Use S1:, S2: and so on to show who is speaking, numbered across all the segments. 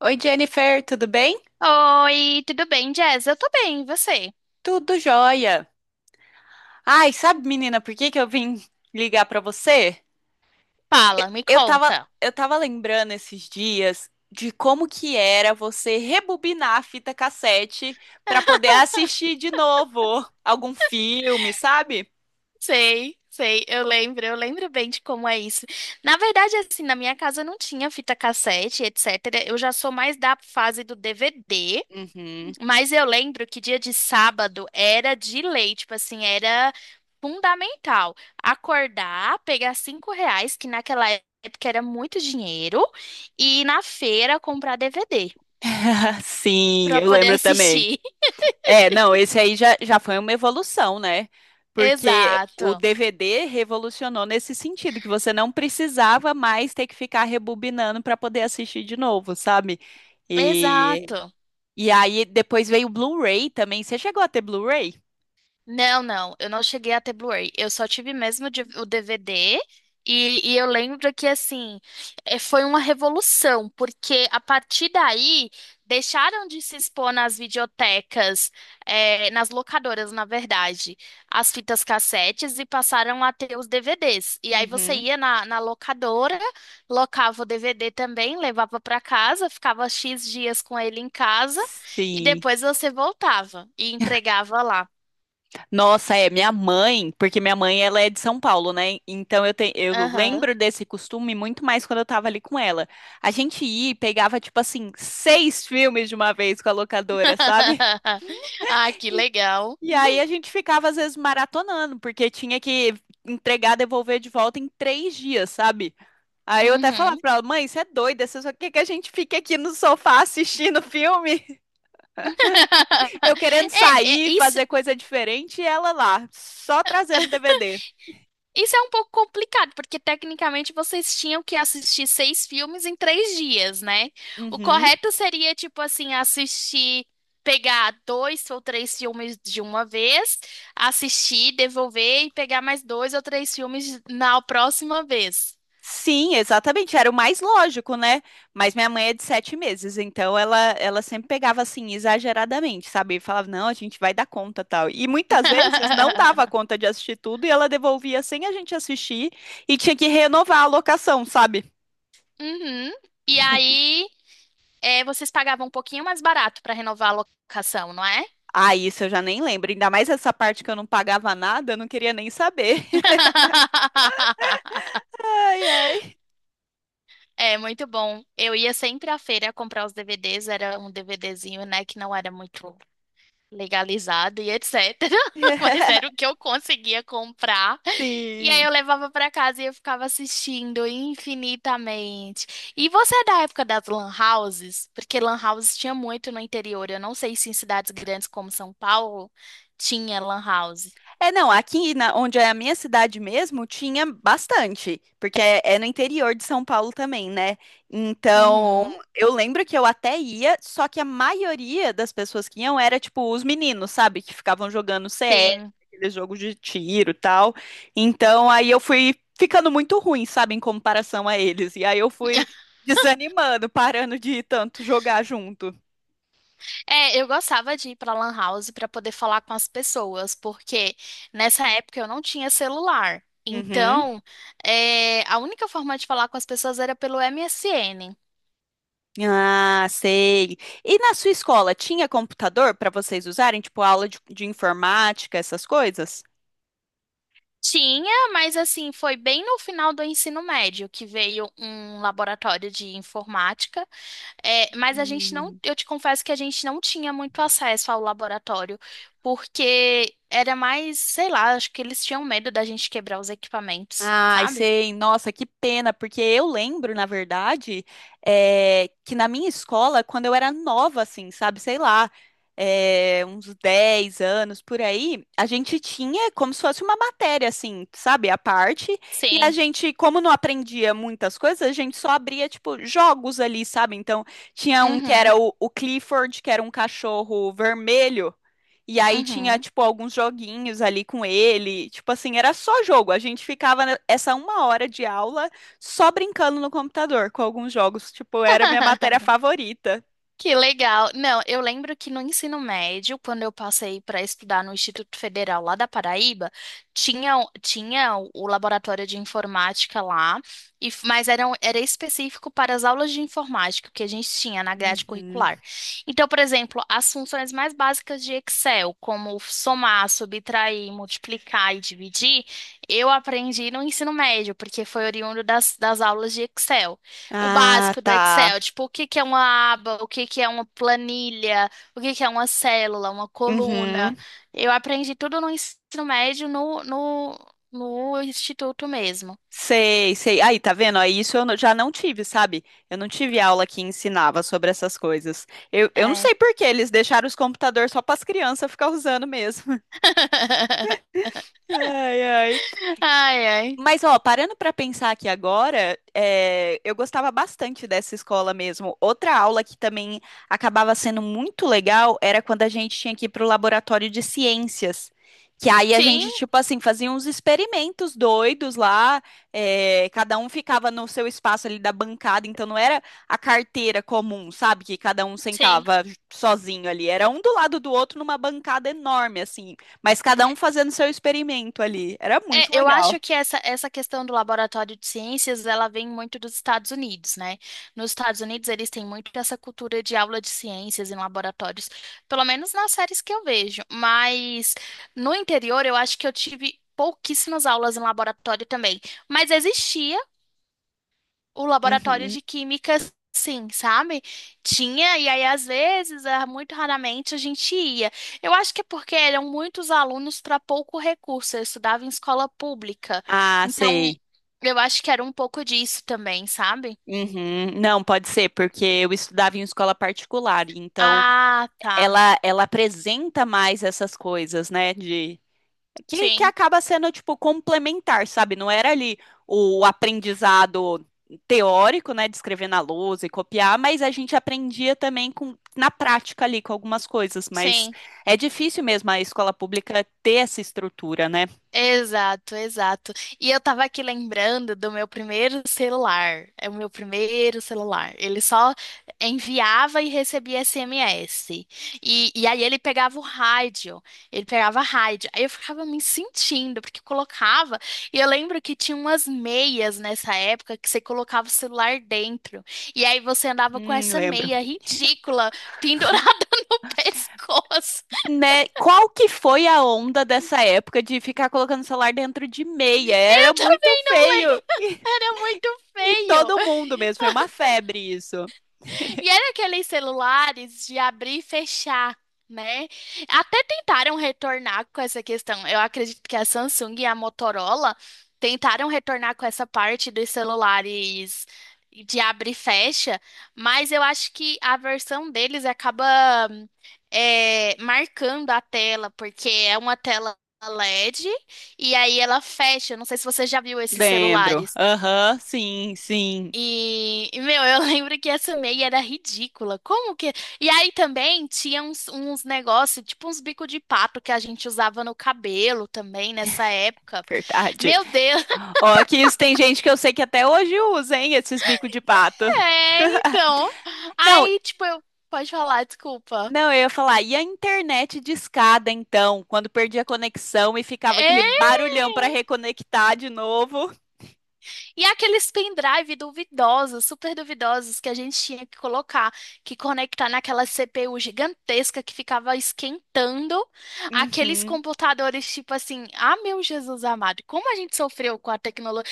S1: Oi, Jennifer, tudo bem?
S2: Oi, tudo bem, Jess? Eu tô bem, e você?
S1: Tudo jóia. Ai, sabe, menina, por que eu vim ligar pra você?
S2: Fala, me
S1: Eu tava,
S2: conta.
S1: eu tava lembrando esses dias de como que era você rebobinar a fita cassete pra poder assistir de novo algum filme, sabe?
S2: Sei, sei, eu lembro bem de como é isso. Na verdade, assim, na minha casa não tinha fita cassete, etc. Eu já sou mais da fase do DVD,
S1: Uhum.
S2: mas eu lembro que dia de sábado era de lei, tipo assim, era fundamental acordar, pegar R$ 5, que naquela época era muito dinheiro, e ir na feira comprar DVD
S1: Sim,
S2: pra
S1: eu
S2: poder
S1: lembro também.
S2: assistir.
S1: É, não, esse aí já foi uma evolução, né? Porque o
S2: Exato,
S1: DVD revolucionou nesse sentido, que você não precisava mais ter que ficar rebobinando para poder assistir de novo, sabe? E,
S2: exato.
S1: e aí depois veio o Blu-ray também. Você chegou a ter Blu-ray?
S2: Não, não, eu não cheguei a ter Blu-ray. Eu só tive mesmo o DVD. E eu lembro que, assim, foi uma revolução, porque a partir daí deixaram de se expor nas videotecas, nas locadoras, na verdade, as fitas cassetes e passaram a ter os DVDs. E aí você
S1: Uhum.
S2: ia na locadora, locava o DVD também, levava para casa, ficava X dias com ele em casa e
S1: Sim.
S2: depois você voltava e entregava lá.
S1: Nossa, é minha mãe, porque minha mãe ela é de São Paulo, né? Então eu
S2: Aham.
S1: lembro desse costume muito mais quando eu tava ali com ela. A gente ia e pegava, tipo assim, 6 filmes de uma vez com a locadora, sabe?
S2: Ah, que legal.
S1: E aí a gente ficava, às vezes, maratonando, porque tinha que entregar, devolver de volta em 3 dias, sabe? Aí eu até falava
S2: Uhum.
S1: pra ela, mãe, você é doida, você só quer que a gente fique aqui no sofá assistindo filme, eu querendo
S2: É, é,
S1: sair,
S2: isso,
S1: fazer coisa diferente, e ela lá, só trazendo DVD.
S2: isso é um pouco complicado, porque tecnicamente vocês tinham que assistir seis filmes em 3 dias, né? O
S1: Uhum.
S2: correto seria, tipo assim, assistir, pegar dois ou três filmes de uma vez, assistir, devolver e pegar mais dois ou três filmes na próxima vez.
S1: Sim, exatamente, era o mais lógico, né? Mas minha mãe é de 7 meses, então ela sempre pegava assim, exageradamente, sabe? E falava, não, a gente vai dar conta, tal. E muitas vezes não dava conta de assistir tudo e ela devolvia sem a gente assistir e tinha que renovar a locação, sabe?
S2: Uhum. E aí. É, vocês pagavam um pouquinho mais barato para renovar a locação, não é?
S1: Ah, isso eu já nem lembro, ainda mais essa parte que eu não pagava nada, eu não queria nem saber. Ai, ai.
S2: É muito bom. Eu ia sempre à feira comprar os DVDs, era um DVDzinho, né, que não era muito legalizado e etc. Mas era o que eu conseguia comprar. E aí
S1: Sim.
S2: eu levava para casa e eu ficava assistindo infinitamente. E você é da época das lan houses? Porque lan houses tinha muito no interior. Eu não sei se em cidades grandes como São Paulo tinha lan house.
S1: É, não, aqui na, onde é a minha cidade mesmo, tinha bastante, porque é, é no interior de São Paulo também, né? Então,
S2: Uhum.
S1: eu lembro que eu até ia, só que a maioria das pessoas que iam era, tipo, os meninos, sabe? Que ficavam jogando CS,
S2: Sim.
S1: aqueles jogos de tiro e tal. Então, aí eu fui ficando muito ruim, sabe? Em comparação a eles. E aí eu fui desanimando, parando de tanto jogar junto.
S2: É, eu gostava de ir pra Lan House pra poder falar com as pessoas, porque nessa época eu não tinha celular.
S1: Uhum.
S2: Então, a única forma de falar com as pessoas era pelo MSN.
S1: Ah, sei. E na sua escola tinha computador para vocês usarem, tipo aula de informática, essas coisas?
S2: Tinha, mas assim, foi bem no final do ensino médio que veio um laboratório de informática. É, mas a gente não, eu te confesso que a gente não tinha muito acesso ao laboratório, porque era mais, sei lá, acho que eles tinham medo da gente quebrar os equipamentos,
S1: Ai,
S2: sabe?
S1: sei, nossa, que pena, porque eu lembro, na verdade, que na minha escola, quando eu era nova, assim, sabe, sei lá, uns 10 anos por aí, a gente tinha como se fosse uma matéria, assim, sabe, à parte, e a
S2: Sim.
S1: gente, como não aprendia muitas coisas, a gente só abria, tipo, jogos ali, sabe? Então, tinha um que
S2: Uhum.
S1: era o Clifford, que era um cachorro vermelho. E aí tinha,
S2: Uhum.
S1: tipo, alguns joguinhos ali com ele. Tipo assim, era só jogo. A gente essa uma hora de aula só brincando no computador com alguns jogos. Tipo, era minha matéria favorita.
S2: Que legal. Não, eu lembro que no ensino médio, quando eu passei para estudar no Instituto Federal lá da Paraíba, tinha, tinha o laboratório de informática lá, e, mas era, era específico para as aulas de informática que a gente tinha na grade
S1: Uhum.
S2: curricular. Então, por exemplo, as funções mais básicas de Excel, como somar, subtrair, multiplicar e dividir, eu aprendi no ensino médio, porque foi oriundo das aulas de Excel. O
S1: Ah,
S2: básico do Excel,
S1: tá.
S2: tipo, o que que é uma aba, o que que é uma planilha, o que que é uma célula, uma coluna.
S1: Uhum.
S2: Eu aprendi tudo no ensino médio, no instituto mesmo.
S1: Sei, sei. Aí, tá vendo? Aí isso eu não- já não tive, sabe? Eu não tive aula que ensinava sobre essas coisas. Eu não
S2: É.
S1: sei por que eles deixaram os computadores só para as crianças ficar usando mesmo. Ai, ai.
S2: Ai, ai.
S1: Mas, ó, parando para pensar aqui agora, é, eu gostava bastante dessa escola mesmo. Outra aula que também acabava sendo muito legal era quando a gente tinha que ir para o laboratório de ciências. Que aí a
S2: Sim,
S1: gente, tipo assim, fazia uns experimentos doidos lá, é, cada um ficava no seu espaço ali da bancada, então não era a carteira comum, sabe? Que cada um
S2: sim.
S1: sentava sozinho ali, era um do lado do outro numa bancada enorme, assim, mas cada um fazendo seu experimento ali. Era
S2: É,
S1: muito
S2: eu acho
S1: legal.
S2: que essa questão do laboratório de ciências, ela vem muito dos Estados Unidos, né? Nos Estados Unidos, eles têm muito essa cultura de aula de ciências em laboratórios, pelo menos nas séries que eu vejo. Mas no interior, eu acho que eu tive pouquíssimas aulas em laboratório também. Mas existia o laboratório
S1: Uhum.
S2: de química, sim, sabe? Tinha, e aí às vezes, ah, muito raramente a gente ia. Eu acho que é porque eram muitos alunos para pouco recurso. Eu estudava em escola pública,
S1: Ah,
S2: então
S1: sei.
S2: eu acho que era um pouco disso também, sabe?
S1: Uhum. Não, pode ser, porque eu estudava em escola particular, então
S2: Ah, tá.
S1: ela apresenta mais essas coisas, né, de que
S2: Sim,
S1: acaba sendo tipo complementar, sabe? Não era ali o aprendizado teórico, né, de escrever na lousa e copiar, mas a gente aprendia também com na prática ali com algumas coisas, mas
S2: sim.
S1: é difícil mesmo a escola pública ter essa estrutura, né?
S2: Exato, exato. E eu tava aqui lembrando do meu primeiro celular. É o meu primeiro celular. Ele só enviava e recebia SMS. E aí ele pegava o rádio. Ele pegava rádio. Aí eu ficava me sentindo, porque eu colocava. E eu lembro que tinha umas meias nessa época que você colocava o celular dentro. E aí você andava com essa
S1: Lembro.
S2: meia ridícula pendurada no pescoço.
S1: Né? Qual que foi a onda dessa época de ficar colocando o celular dentro de meia?
S2: Eu
S1: Era muito
S2: também não lembro.
S1: feio.
S2: Era muito
S1: E
S2: feio.
S1: todo mundo mesmo, foi uma febre isso.
S2: E era aqueles celulares de abrir e fechar, né? Até tentaram retornar com essa questão. Eu acredito que a Samsung e a Motorola tentaram retornar com essa parte dos celulares de abre e fecha, mas eu acho que a versão deles acaba marcando a tela, porque é uma tela LED e D e aí ela fecha. Eu não sei se você já viu esses
S1: Lembro.
S2: celulares.
S1: Aham, sim, sim.
S2: Meu, eu lembro que essa meia era ridícula. Como que. E aí também tinha uns negócios, tipo uns bico de pato que a gente usava no cabelo também nessa época.
S1: Verdade.
S2: Meu Deus,
S1: Ó, que isso tem gente que eu sei que até hoje usa, hein, esses bicos de pato.
S2: é, então.
S1: Não,
S2: Aí, tipo, eu. Pode falar, desculpa.
S1: não, eu ia falar, e a internet discada então, quando perdia a conexão e ficava
S2: É!
S1: aquele barulhão para reconectar de novo?
S2: E aqueles pendrive duvidosos, super duvidosos, que a gente tinha que colocar, que conectar naquela CPU gigantesca que ficava esquentando. Aqueles
S1: Uhum.
S2: computadores, tipo assim, ah, meu Jesus amado, como a gente sofreu com a tecnologia.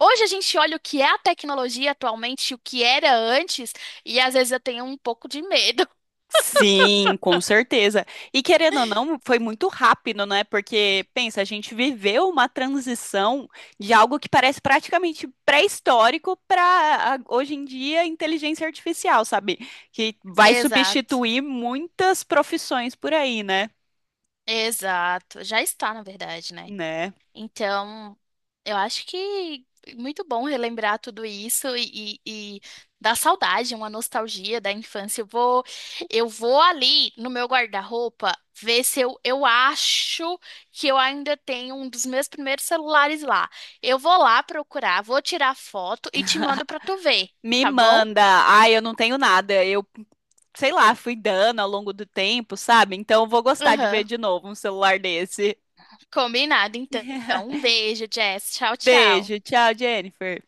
S2: Hoje a gente olha o que é a tecnologia atualmente, e o que era antes, e às vezes eu tenho um pouco de medo.
S1: Sim, com certeza. E querendo ou não, foi muito rápido, né? Porque, pensa, a gente viveu uma transição de algo que parece praticamente pré-histórico para hoje em dia inteligência artificial, sabe? Que vai
S2: Exato,
S1: substituir muitas profissões por aí, né?
S2: exato. Já está, na verdade, né?
S1: Né?
S2: Então, eu acho que é muito bom relembrar tudo isso e dar saudade, uma nostalgia da infância. Eu vou ali no meu guarda-roupa ver se eu acho que eu ainda tenho um dos meus primeiros celulares lá. Eu vou lá procurar, vou tirar foto e te mando pra tu ver,
S1: Me
S2: tá bom?
S1: manda. Ai, eu não tenho nada. Eu, sei lá, fui dando ao longo do tempo, sabe? Então eu vou gostar de ver
S2: Aham,
S1: de novo um celular desse.
S2: combinado, então. Um beijo, Jess. Tchau, tchau.
S1: Beijo, tchau, Jennifer.